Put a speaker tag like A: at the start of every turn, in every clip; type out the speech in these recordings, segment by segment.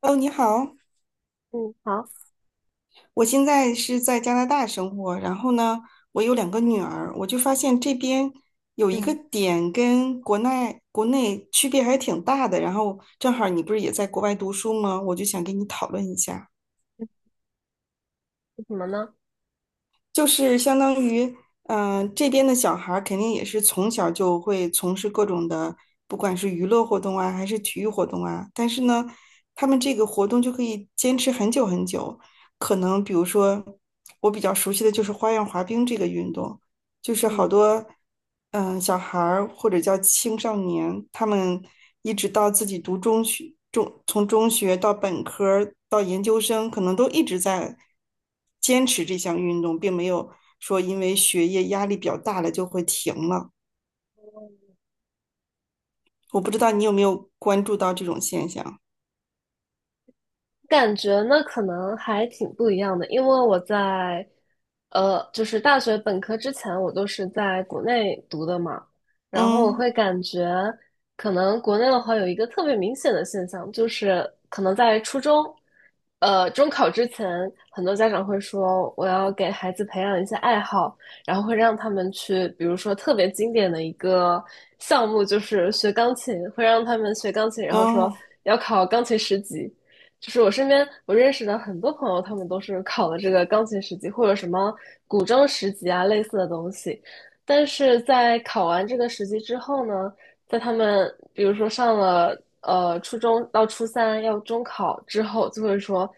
A: 哦，你好。
B: 嗯，好，
A: 我现在是在加拿大生活，然后呢，我有两个女儿，我就发现这边有一个
B: 嗯，
A: 点跟国内区别还挺大的，然后正好你不是也在国外读书吗？我就想跟你讨论一下。
B: 是什么呢？
A: 就是相当于，这边的小孩儿肯定也是从小就会从事各种的，不管是娱乐活动啊，还是体育活动啊。但是呢，他们这个活动就可以坚持很久很久。可能比如说，我比较熟悉的就是花样滑冰这个运动，就是好
B: 嗯。
A: 多小孩儿或者叫青少年，他们一直到自己读中学，从中学到本科儿到研究生，可能都一直在坚持这项运动，并没有说因为学业压力比较大了就会停了。我不知道你有没有关注到这种现象？
B: 感觉呢，可能还挺不一样的，因为我在，就是大学本科之前，我都是在国内读的嘛，然后我
A: 嗯
B: 会感觉，可能国内的话有一个特别明显的现象，就是可能在初中，中考之前，很多家长会说我要给孩子培养一些爱好，然后会让他们去，比如说特别经典的一个项目就是学钢琴，会让他们学钢琴，然后说
A: 嗯，
B: 要考钢琴十级。就是我身边我认识的很多朋友，他们都是考了这个钢琴十级或者什么古筝十级啊类似的东西，但是在考完这个十级之后呢，在他们比如说上了初中到初三要中考之后，就会说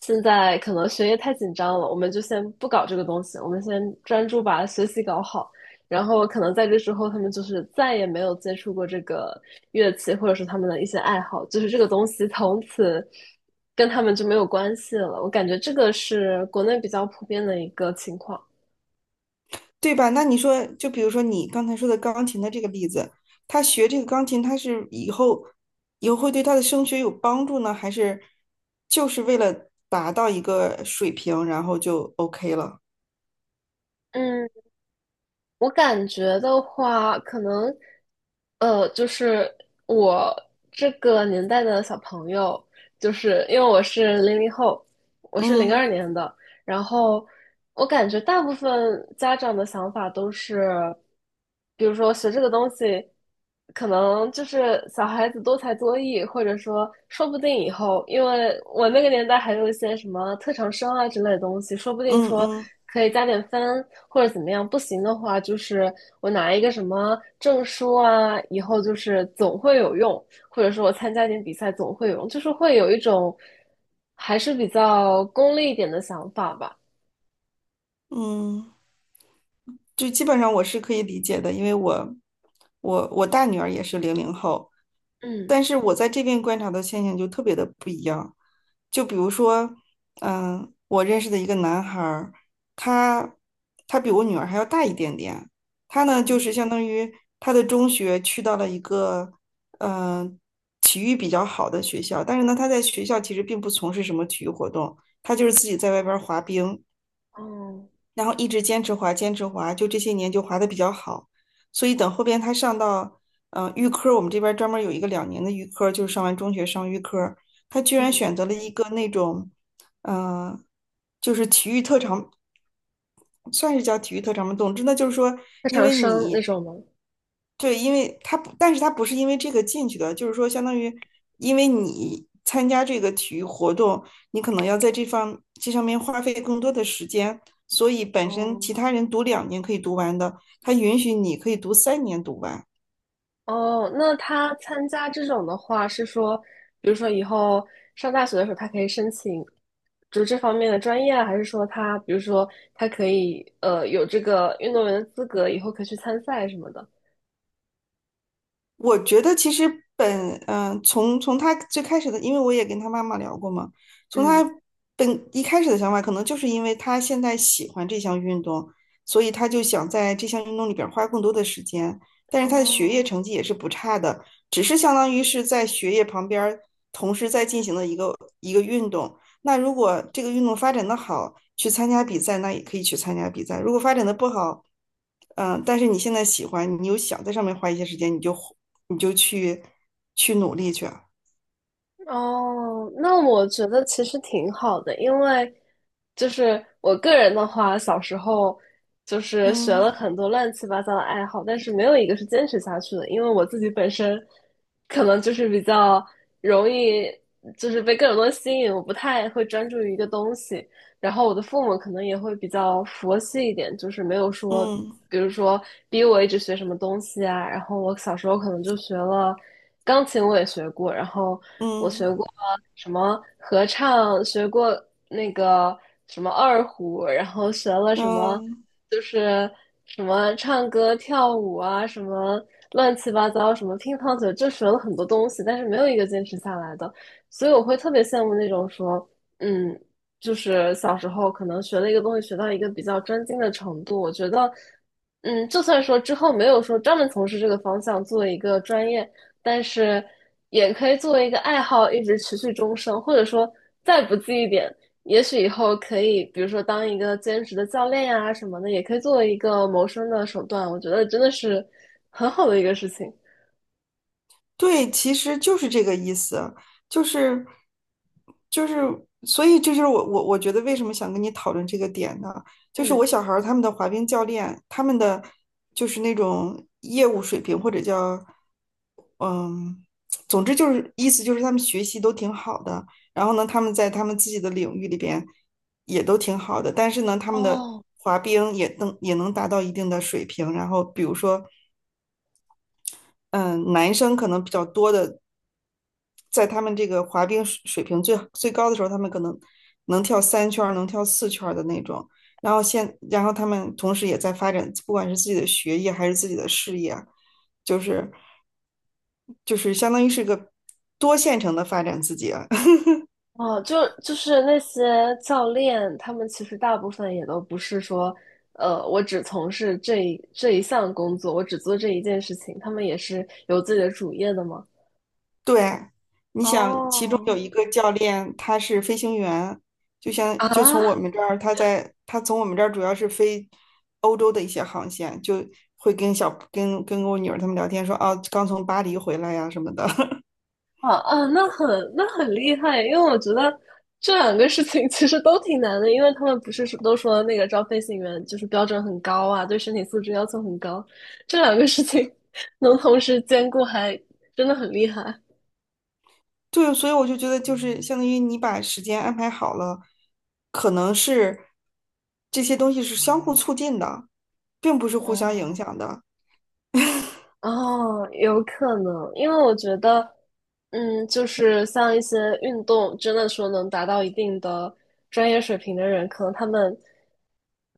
B: 现在可能学业太紧张了，我们就先不搞这个东西，我们先专注把学习搞好。然后可能在这之后，他们就是再也没有接触过这个乐器，或者是他们的一些爱好，就是这个东西从此跟他们就没有关系了。我感觉这个是国内比较普遍的一个情况。
A: 对吧？那你说，就比如说你刚才说的钢琴的这个例子，他学这个钢琴，他是以后会对他的升学有帮助呢，还是就是为了达到一个水平，然后就 OK 了？
B: 嗯，我感觉的话，可能就是我这个年代的小朋友，就是因为我是00后，我是零二
A: 嗯
B: 年的，然后我感觉大部分家长的想法都是，比如说学这个东西，可能就是小孩子多才多艺，或者说说不定以后，因为我那个年代还有一些什么特长生啊之类的东西，说不定
A: 嗯
B: 说
A: 嗯
B: 可以加点分或者怎么样，不行的话就是我拿一个什么证书啊，以后就是总会有用，或者说我参加点比赛总会有用，就是会有一种。还是比较功利一点的想法吧。
A: 嗯。就基本上我是可以理解的，因为我大女儿也是零零后，
B: 嗯，
A: 但是我在这边观察的现象就特别的不一样。就比如说，嗯，我认识的一个男孩儿，他他比我女儿还要大一点点，他呢就
B: 哦
A: 是相当于他的中学去到了一个嗯、呃体育比较好的学校，但是呢他在学校其实并不从事什么体育活动，他就是自己在外边儿滑冰。
B: 哦，
A: 然后一直坚持滑，坚持滑，就这些年就滑的比较好。所以等后边他上到预科，我们这边专门有一个两年的预科，就是上完中学上预科，他居然
B: 嗯，
A: 选择了一个那种，嗯、呃就是体育特长。算是叫体育特长吗？总之呢，就是说，
B: 特
A: 因
B: 长
A: 为
B: 生那
A: 你
B: 种吗？
A: 对，因为他不，但是他不是因为这个进去的，就是说，相当于因为你参加这个体育活动，你可能要在这方这上面花费更多的时间，所以本
B: 哦
A: 身其他人读两年可以读完的，他允许你可以读三年读完。
B: 哦，那他参加这种的话，是说，比如说以后上大学的时候，他可以申请，就这方面的专业啊，还是说他，比如说他可以有这个运动员的资格，以后可以去参赛什么的？
A: 我觉得其实本嗯、呃从从他最开始的，因为我也跟他妈妈聊过嘛，从他
B: 嗯，
A: 一开始的想法，可能就是因为他现在喜欢这项运动，所以他就想在这项运动里边儿花更多的时间。但是他的学业
B: 哦。
A: 成绩也是不差的，只是相当于是在学业旁边儿同时在进行的一个运动。那如果这个运动发展的好，去参加比赛，那也可以去参加比赛。如果发展的不好，但是你现在喜欢，你又想在上面花一些时间，你就去努力去啊
B: 哦，那我觉得其实挺好的，因为就是我个人的话，小时候就是学了
A: 嗯
B: 很多乱七八糟的爱好，但是没有一个是坚持下去的，因为我自己本身可能就是比较容易就是被各种东西吸引，我不太会专注于一个东西，然后我的父母可能也会比较佛系一点，就是没有说，
A: 嗯
B: 比如说逼我一直学什么东西啊。然后我小时候可能就学了钢琴，我也学过，然后我学
A: 嗯
B: 过什么合唱，学过那个什么二胡，然后学了
A: 嗯。
B: 什么
A: 嗯
B: 就是什么唱歌、跳舞啊，什么乱七八糟，什么乒乓球，就学了很多东西，但是没有一个坚持下来的。所以我会特别羡慕那种说，嗯，就是小时候可能学了一个东西，学到一个比较专精的程度，我觉得，就算说之后没有说专门从事这个方向做一个专业，但是也可以作为一个爱好一直持续终生，或者说再不济一点，也许以后可以，比如说当一个兼职的教练呀、什么的，也可以作为一个谋生的手段。我觉得真的是很好的一个事情。
A: 对，其实就是这个意思，就是就是，所以这就是我觉得为什么想跟你讨论这个点呢？就是我
B: 嗯，
A: 小孩儿他们的滑冰教练，他们的就是那种业务水平或者叫嗯，总之就是意思就是他们学习都挺好的，然后呢，他们在他们自己的领域里边也都挺好的，但是呢，他们的
B: 哦，
A: 滑冰也能达到一定的水平，然后比如说。嗯，男生可能比较多的在他们这个滑冰水平最高的时候，他们可能能跳三圈儿，能跳四圈儿的那种。然后然后他们同时也在发展，不管是自己的学业还是自己的事业，就是就是相当于是个多线程的发展自己啊
B: 哦，就是那些教练，他们其实大部分也都不是说，我只从事这一项工作，我只做这一件事情，他们也是有自己的主业的吗？
A: 对，你想，其中
B: 哦，
A: 有一个教练，他是飞行员，就从我
B: 啊，
A: 们这儿，他从我们这儿主要是飞欧洲的一些航线，就会跟小跟跟我女儿他们聊天说，啊，刚从巴黎回来呀、什么的。
B: 啊啊，那很厉害，因为我觉得这两个事情其实都挺难的，因为他们不是说都说那个招飞行员就是标准很高啊，对身体素质要求很高，这两个事情 能同时兼顾还真的很厉害。
A: 对，所以我就觉得，就是相当于你把时间安排好了，可能是这些东西是相互促进的，并不是互相影
B: 哦。
A: 响的。
B: 哦，有可能，因为我觉得，就是像一些运动，真的说能达到一定的专业水平的人，可能他们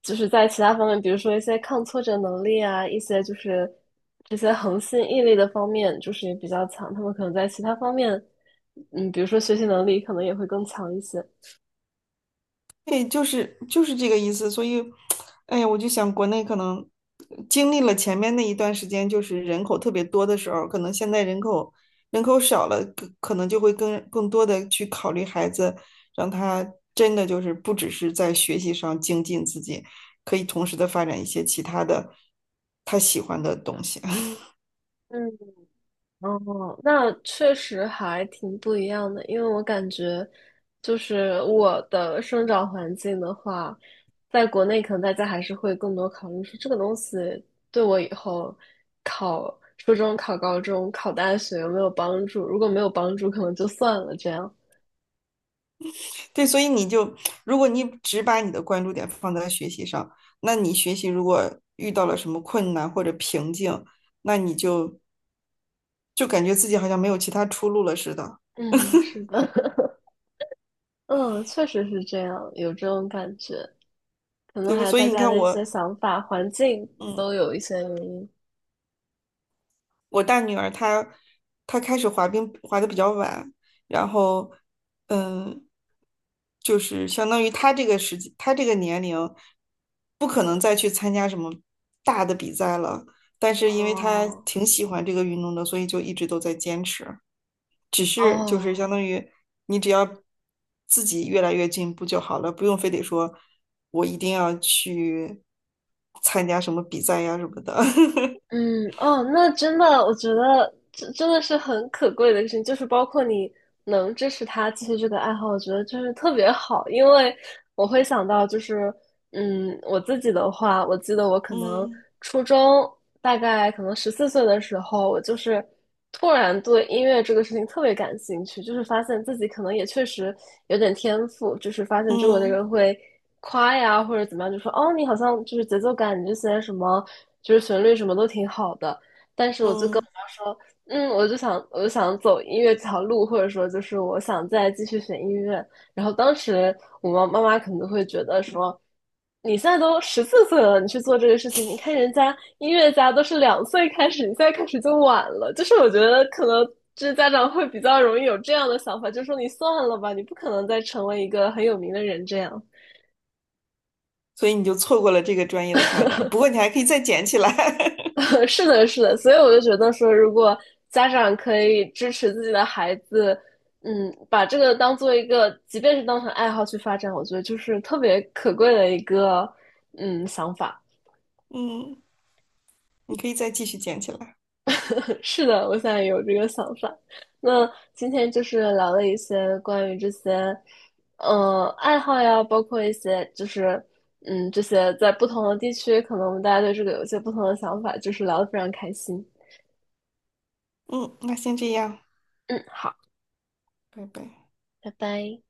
B: 就是在其他方面，比如说一些抗挫折能力啊，一些就是这些恒心毅力的方面，就是也比较强。他们可能在其他方面，比如说学习能力，可能也会更强一些。
A: 对，就是这个意思，所以，哎呀，我就想国内可能经历了前面那一段时间，就是人口特别多的时候，可能现在人口少了，可能就会更多的去考虑孩子，让他真的就是不只是在学习上精进自己，可以同时的发展一些其他的他喜欢的东西。
B: 嗯。哦，那确实还挺不一样的，因为我感觉，就是我的生长环境的话，在国内可能大家还是会更多考虑说这个东西对我以后考初中、考高中、考大学有没有帮助，如果没有帮助，可能就算了这样。
A: 对，所以你就，如果你只把你的关注点放在学习上，那你学习如果遇到了什么困难或者瓶颈，那你就感觉自己好像没有其他出路了似的，
B: 嗯，是的，嗯，确实是这样，有这种感觉，可能
A: 对吧？
B: 还有
A: 所以
B: 大
A: 你
B: 家
A: 看
B: 的一些
A: 我，
B: 想法、环境都有一些原因。
A: 我大女儿她开始滑冰滑的比较晚，然后嗯，就是相当于她这个时期她这个年龄不可能再去参加什么大的比赛了。但是因为她
B: 哦，
A: 挺喜欢这个运动的，所以就一直都在坚持。只是就是相
B: 哦。
A: 当于你只要自己越来越进步就好了，不用非得说我一定要去参加什么比赛呀什么的。
B: 嗯，哦，那真的，我觉得这真的是很可贵的事情，就是包括你能支持他继续这个爱好，我觉得就是特别好，因为我会想到就是，我自己的话，我记得我可能
A: 嗯
B: 初中大概可能十四岁的时候，我就是突然对音乐这个事情特别感兴趣，就是发现自己可能也确实有点天赋，就是发现周围的
A: 嗯
B: 人会夸呀或者怎么样，就说哦，你好像就是节奏感，你这些什么就是旋律什么都挺好的。
A: 嗯。
B: 说，我就想走音乐这条路，或者说就是我想再继续学音乐。然后当时我妈妈可能会觉得说，你现在都十四岁了，你去做这个事情，你看人家音乐家都是2岁开始，你现在开始就晚了。就是我觉得可能就是家长会比较容易有这样的想法，就说你算了吧，你不可能再成为一个很有名的人这样。
A: 所以你就错过了这个专业的发展。不过你还可以再捡起来，
B: 是的，是的，所以我就觉得说，如果家长可以支持自己的孩子，把这个当做一个，即便是当成爱好去发展，我觉得就是特别可贵的一个，想法。
A: 嗯，你可以再继续捡起来，
B: 是的，我现在有这个想法。那今天就是聊了一些关于这些，爱好呀，包括一些就是，这些在不同的地区，可能我们大家对这个有一些不同的想法，就是聊的非常开心。
A: 嗯，那先这样，
B: 嗯，好，
A: 拜拜。
B: 拜拜。